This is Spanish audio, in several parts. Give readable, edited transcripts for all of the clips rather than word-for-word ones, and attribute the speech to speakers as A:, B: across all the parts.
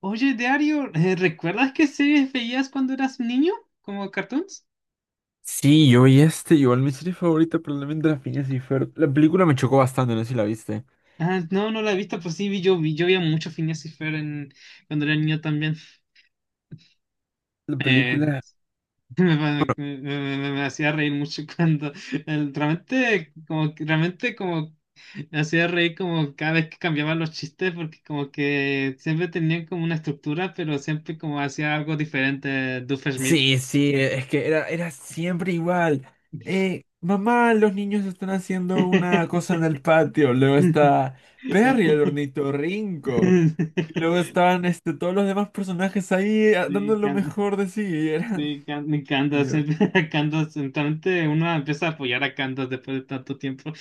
A: Oye, Dario, ¿recuerdas qué series veías cuando eras niño? ¿Como cartoons?
B: Sí, yo vi igual mi serie favorita probablemente La Phineas y Ferb. La película me chocó bastante, no sé si la viste.
A: Ah, no, no la he visto, pero sí, yo veía mucho Phineas y Fer en, cuando era niño también.
B: La
A: Eh,
B: película.
A: me, me- me- me hacía reír mucho cuando realmente como me hacía reír como cada vez que cambiaban los chistes, porque como que siempre tenían como una estructura, pero siempre como hacía algo diferente Schmidt.
B: Sí, sí, es que era siempre igual. Mamá, los niños están haciendo una cosa en el patio. Luego está Perry, el ornitorrinco. Y luego estaban todos los demás personajes ahí
A: Me
B: dando lo
A: encanta.
B: mejor de sí. Y era...
A: Sí, me
B: Mi
A: encanta.
B: Dios.
A: Siempre a Candace. Entonces uno empieza a apoyar a Candace después de tanto tiempo.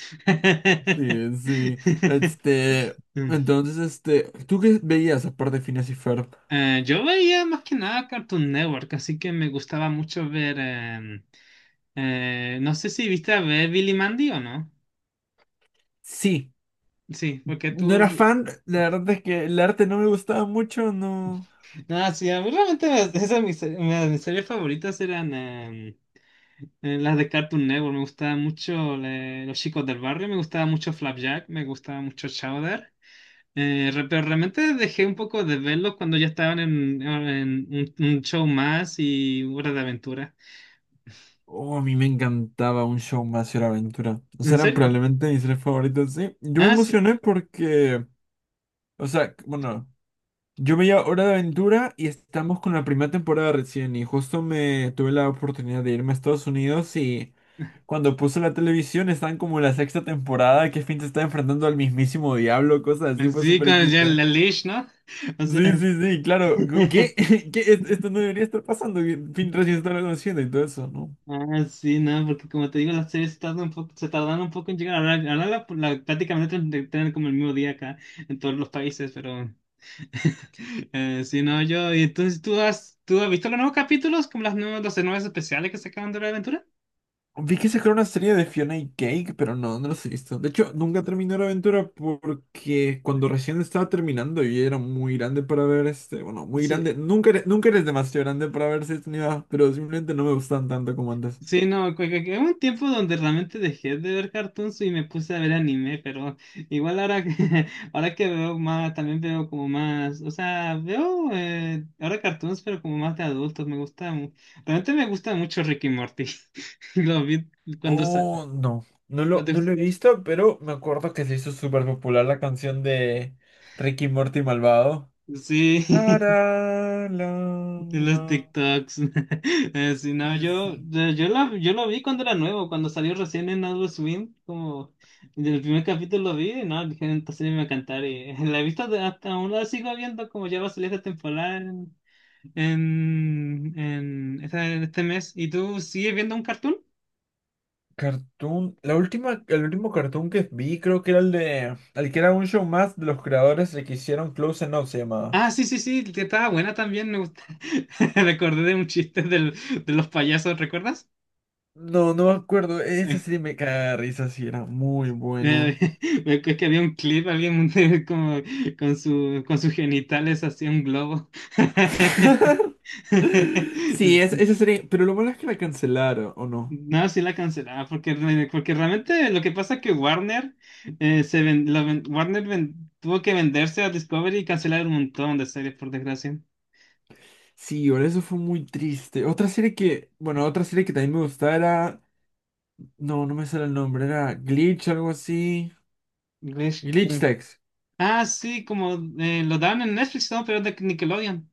B: Sí, sí. Este,
A: Mm.
B: entonces, ¿tú qué veías aparte de Phineas y Ferb?
A: Yo veía más que nada Cartoon Network, así que me gustaba mucho ver, no sé si viste a ver Billy Mandy o no.
B: Sí.
A: Sí, porque
B: No
A: tú.
B: era fan, la verdad es que el arte no me gustaba mucho, no.
A: No, sí, a mí realmente mis series favoritas eran, las de Cartoon Network. Me gustaba mucho, Los Chicos del Barrio, me gustaba mucho Flapjack, me gustaba mucho Chowder. Pero realmente dejé un poco de verlos cuando ya estaban en, un show más y Hora de Aventura.
B: Oh, a mí me encantaba un show más y la aventura. O sea,
A: ¿En
B: eran
A: serio?
B: probablemente mis tres favoritos, sí. Yo me
A: Ah, sí.
B: emocioné porque, o sea, bueno, yo veía Hora de Aventura y estamos con la primera temporada recién y justo me tuve la oportunidad de irme a Estados Unidos y cuando puse la televisión están como en la sexta temporada, que Finn se está enfrentando al mismísimo diablo, cosas así, fue
A: Sí,
B: súper
A: con
B: equis
A: ya
B: de...
A: la leash, ¿no? O sea,
B: Sí, sí, sí, claro. ¿Qué? ¿Qué? Es- esto no debería estar pasando, que Finn recién está conociendo y todo eso, ¿no?
A: ah, sí, no, porque como te digo, las series tardan un poco, se tardan un poco en llegar. Ahora prácticamente tienen como el mismo día acá en todos los países, pero sí, no, yo. Y entonces, tú has visto los nuevos capítulos, como los nuevos especiales que sacaron de Hora de Aventura?
B: Vi que sacaron una serie de Fiona y Cake, pero no, no los he visto. De hecho, nunca terminé la aventura porque cuando recién estaba terminando y era muy grande para ver bueno, muy
A: Sí.
B: grande. Nunca, eres- nunca eres demasiado grande para ver si edad, pero simplemente no me gustan tanto como antes.
A: Sí, no, que hubo un tiempo donde realmente dejé de ver cartoons y me puse a ver anime, pero igual ahora que, ahora que veo más, también veo como más, o sea, veo, ahora cartoons, pero como más de adultos. Me gusta, realmente me gusta mucho Ricky Morty. Lo vi cuando, sa-
B: Oh, no.
A: ¿no te
B: No lo
A: gusta?
B: he visto, pero me acuerdo que se hizo súper popular la canción de Ricky Morty Malvado.
A: Sí.
B: La, la, la,
A: De los
B: la.
A: TikToks. Sí, no,
B: Sí, sí.
A: yo lo vi cuando era nuevo, cuando salió recién en Adult Swim, como el primer capítulo lo vi, y no, dije, "esta serie me va a encantar", y la he visto, hasta aún la sigo viendo, como ya va a salir esta temporada en, en este mes. ¿Y tú sigues viendo un cartoon?
B: Cartoon. El último cartoon que vi creo que era el de... El que era un show más de los creadores de que hicieron Close Enough se llamaba.
A: Ah, sí, sí, sí, que estaba buena también, me gusta. Recordé de un chiste de los payasos, ¿recuerdas?
B: No, no me acuerdo. Esa serie me caga de risa, sí, era muy buena.
A: Eh, me acuerdo que había un clip, había un como con con sus genitales hacía un globo.
B: Sí, es- esa serie. Pero lo malo es que la cancelaron, ¿o no?
A: No, sí la cancelaba, porque, porque realmente lo que pasa es que Warner, se ven- la ven- Warner ven- tuvo que venderse a Discovery y cancelar un montón de series, por desgracia.
B: Sí, ahora eso fue muy triste. Otra serie que... Bueno, otra serie que también me gustaba era... No, no me sale el nombre, era Glitch, algo así.
A: Ves-
B: Glitch
A: eh,
B: Tech.
A: Ah, sí, como, lo dan en Netflix, ¿no? Pero es de Nickelodeon.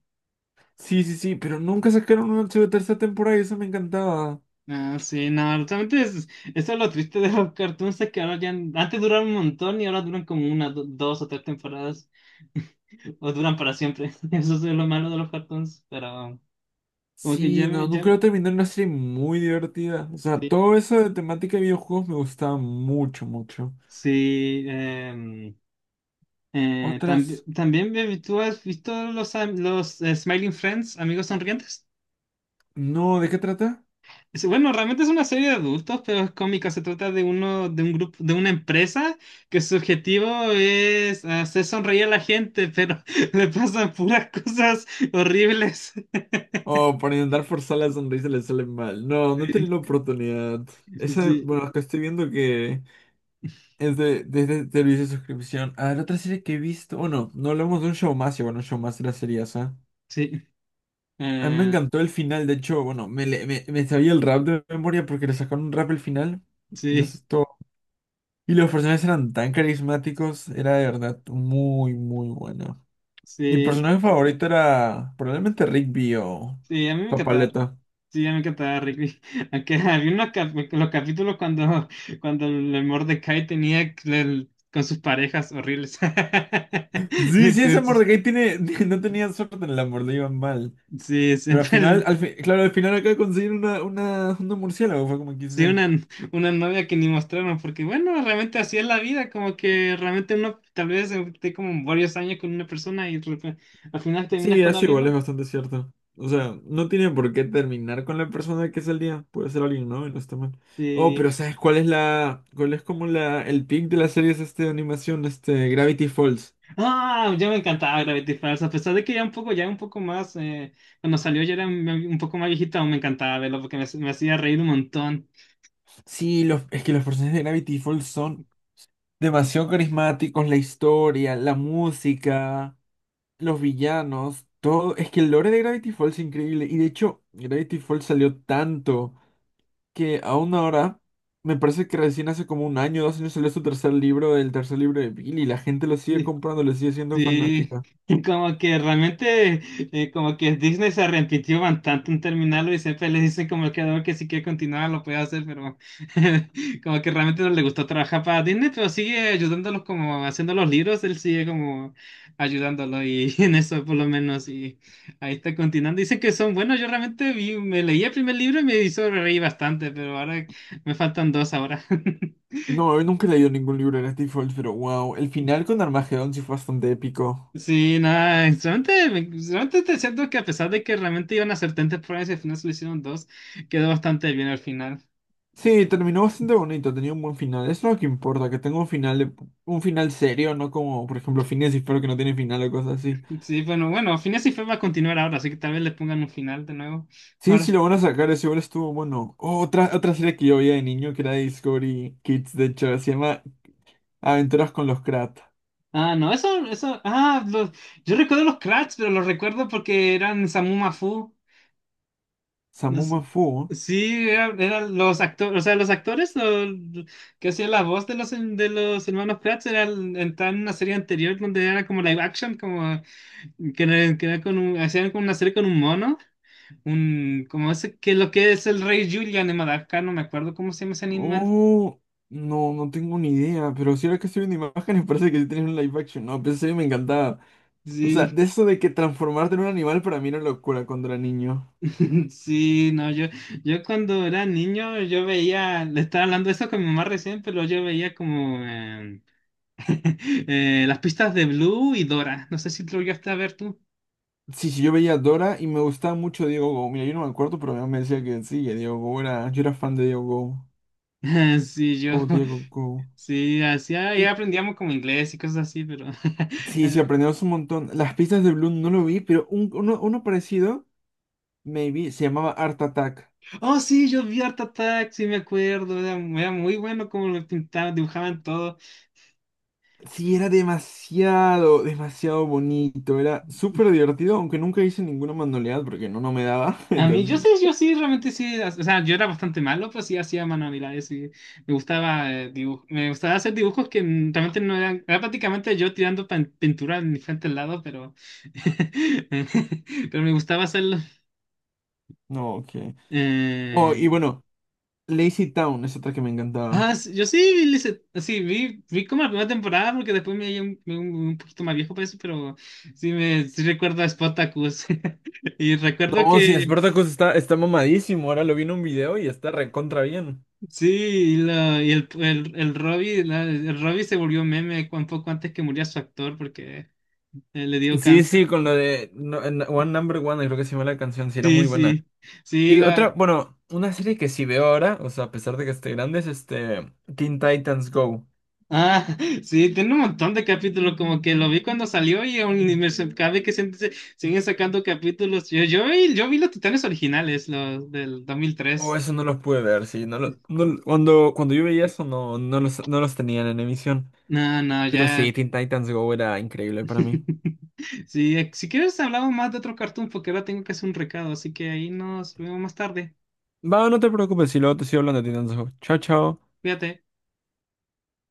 B: Sí, sí, sí, pero nunca sacaron una segunda- tercera temporada y eso me encantaba.
A: Ah, sí, no, eso es lo triste de los cartoons, es que ahora ya, antes duraron un montón y ahora duran como dos o tres temporadas, o duran para siempre. Eso es lo malo de los cartoons, pero como que ya
B: Sí, no, nunca lo terminé, era una serie muy divertida. O sea, todo eso de temática de videojuegos me gustaba mucho, mucho.
A: sí,
B: Otras,
A: también, baby, ¿tú has visto los, am- los Smiling Friends, amigos sonrientes?
B: no, ¿de qué trata?
A: Bueno, realmente es una serie de adultos, pero es cómica. Se trata de uno, de un grupo, de una empresa que su objetivo es hacer sonreír a la gente, pero le pasan puras cosas horribles.
B: Oh, por intentar forzar la sonrisa le sale mal. No, no he tenido la oportunidad. Esa,
A: Sí,
B: bueno, que estoy viendo que es desde servicio de suscripción. A ver, otra serie que he visto, bueno, no hablamos de un show más, y bueno, un show más era serie esa.
A: sí,
B: A mí me
A: eh,
B: encantó el final, de hecho, bueno, me sabía el rap de memoria porque le sacaron un rap al final. De eso
A: sí,
B: es todo. Y los personajes eran tan carismáticos, era de verdad muy, muy bueno. Mi
A: sí,
B: personaje favorito era probablemente Rigby o
A: sí, a mí me encantaba Rick.
B: Papaleta.
A: Sí, a mí me encantaba Rick. Aunque había los capítulos cuando, el Mordecai tenía con sus parejas horribles.
B: Sí, sí, ese
A: Con sus-
B: Mordecai tiene, no tenía suerte en el amor, le iban mal.
A: Sí,
B: Pero al final,
A: siempre.
B: al fi- claro, al final acaba de conseguir una murciélago, fue como
A: Sí,
B: quise.
A: una novia que ni mostraron, porque bueno, realmente así es la vida. Como que realmente uno tal vez, esté como varios años con una persona y al final terminas
B: Sí,
A: con
B: eso
A: alguien
B: igual es
A: más.
B: bastante cierto. O sea, no tiene por qué terminar con la persona que salía. Puede ser alguien, ¿no? Y no está mal. Oh, pero
A: Sí.
B: ¿sabes cuál es la, cuál es como la, el pic de las series de animación, este, Gravity Falls?
A: Ah, ya me encantaba Gravity Falls. A pesar de que ya un poco más, cuando salió ya era un poco más viejita, aún me encantaba verlo porque me hacía reír un montón.
B: Sí, los, es que los personajes de Gravity Falls son demasiado carismáticos, la historia, la música, los villanos, todo. Es que el lore de Gravity Falls es increíble. Y de hecho, Gravity Falls salió tanto que aún ahora, me parece que recién hace como un año, dos años salió su tercer libro, el tercer libro de Billy, y la gente lo sigue comprando, le sigue siendo
A: Sí,
B: fanática.
A: como que realmente, como que Disney se arrepintió bastante en terminarlo y siempre le dicen como que, no, que si quiere continuar lo puede hacer, pero como que realmente no le gustó trabajar para Disney, pero sigue ayudándolos como haciendo los libros. Él sigue como ayudándolo y en eso por lo menos, y ahí está continuando. Dicen que son buenos. Me leí el primer libro y me hizo reír bastante, pero ahora me faltan dos ahora.
B: No, yo nunca he leído ningún libro de Steve Follett, pero wow, el final con Armagedón sí fue bastante épico.
A: Sí, nada, solamente, te siento que, a pesar de que realmente iban a hacer tantas pruebas y al final solo hicieron dos, quedó bastante bien al final.
B: Sí, terminó bastante bonito, tenía un buen final. Eso es lo que importa, que tenga un final de- un final serio, no como, por ejemplo, Phineas y Ferb, que no tiene final o cosas así.
A: Sí, bueno, bueno, Phineas y Ferb va a continuar ahora, así que tal vez le pongan un final de nuevo.
B: Sí, sí,
A: Ahora.
B: lo van a sacar, ese igual estuvo bueno. Oh, otra, otra serie que yo veía de niño que era de Discovery Kids, de hecho, se llama Aventuras con los Krat.
A: Ah, no, eso, ah, yo recuerdo los Kratts, pero los recuerdo porque eran Samu Mafu. No sé.
B: Samuma Fu.
A: Sí, eran los actores, o sea, los actores que hacían la voz de los, hermanos Kratts, era entraron en una serie anterior donde era como live action, como que era con un, hacían como una serie con un mono, un, como ese, que lo que es el rey Julian de Madagascar, no me acuerdo cómo se llama ese animal.
B: Oh, no, no tengo ni idea. Pero si ahora que estoy viendo imágenes, parece que sí tienes un live action. No, pensé que me encantaba. O sea, de
A: Sí,
B: eso de que transformarte en un animal para mí era locura cuando era niño.
A: sí, no, yo cuando era niño, le estaba hablando de eso con mi mamá recién, pero yo veía como, las pistas de Blue y Dora, no sé si lo llegaste a ver tú.
B: Sí, sí, yo veía a Dora y me gustaba mucho Diego Go. Mira, yo no me acuerdo, pero mi mamá me decía que sí, que Diego Go era... Yo era fan de Diego Go.
A: Sí,
B: Oh, Diego Go.
A: sí, hacía,
B: Y
A: ya aprendíamos como inglés y cosas así, pero
B: sí, sí, aprendimos un montón. Las pistas de Bloom no lo vi, pero un- uno parecido, maybe, se llamaba Art Attack.
A: oh, sí, yo vi Art Attack, sí me acuerdo, era muy bueno como lo pintaban, dibujaban todo.
B: Sí, era demasiado, demasiado bonito. Era súper divertido, aunque nunca hice ninguna manualidad porque no, no me daba.
A: A mí, yo sí,
B: Entonces,
A: yo sí, realmente sí, o sea, yo era bastante malo, pero sí hacía manualidades y me gustaba hacer dibujos que, realmente no eran, era prácticamente yo tirando pintura en diferentes lados, pero pero me gustaba hacerlo.
B: no, ok. Oh,
A: eh,
B: y bueno, Lazy Town es otra que me
A: Ah,
B: encantaba.
A: sí, yo sí vi, vi como la primera temporada, porque después me vi poquito más viejo para eso, pero sí recuerdo a Spartacus. Y recuerdo
B: No, sí,
A: que
B: Spartacus está, está mamadísimo. Ahora lo vi en un video y está recontra bien.
A: sí, el Robbie se volvió meme un poco antes que muriera su actor, porque le dio
B: Sí,
A: cáncer.
B: sí, con lo de no- en- One Number One, creo que se llama la canción, sí, era muy
A: Sí,
B: buena.
A: sí, sí,
B: Y otra,
A: la,
B: bueno, una serie que sí veo ahora, o sea, a pesar de que esté grande, es este Teen Titans Go.
A: ah, sí, tiene un montón de capítulos, como que lo vi cuando salió y aún ni me se- cada vez que siguen sacando capítulos. Yo vi los Titanes originales, los del dos mil
B: Oh,
A: tres.
B: eso no los pude ver, sí. No lo- no lo- cuando, cuando yo veía eso, no, no los, no los tenían en emisión.
A: No, no,
B: Pero sí,
A: ya.
B: Teen Titans Go era increíble para mí.
A: Sí, si quieres hablamos más de otro cartoon porque ahora tengo que hacer un recado, así que ahí nos vemos más tarde.
B: Va, no te preocupes, si luego te sigo hablando de Teen Titans Go. Chao, chao.
A: Cuídate.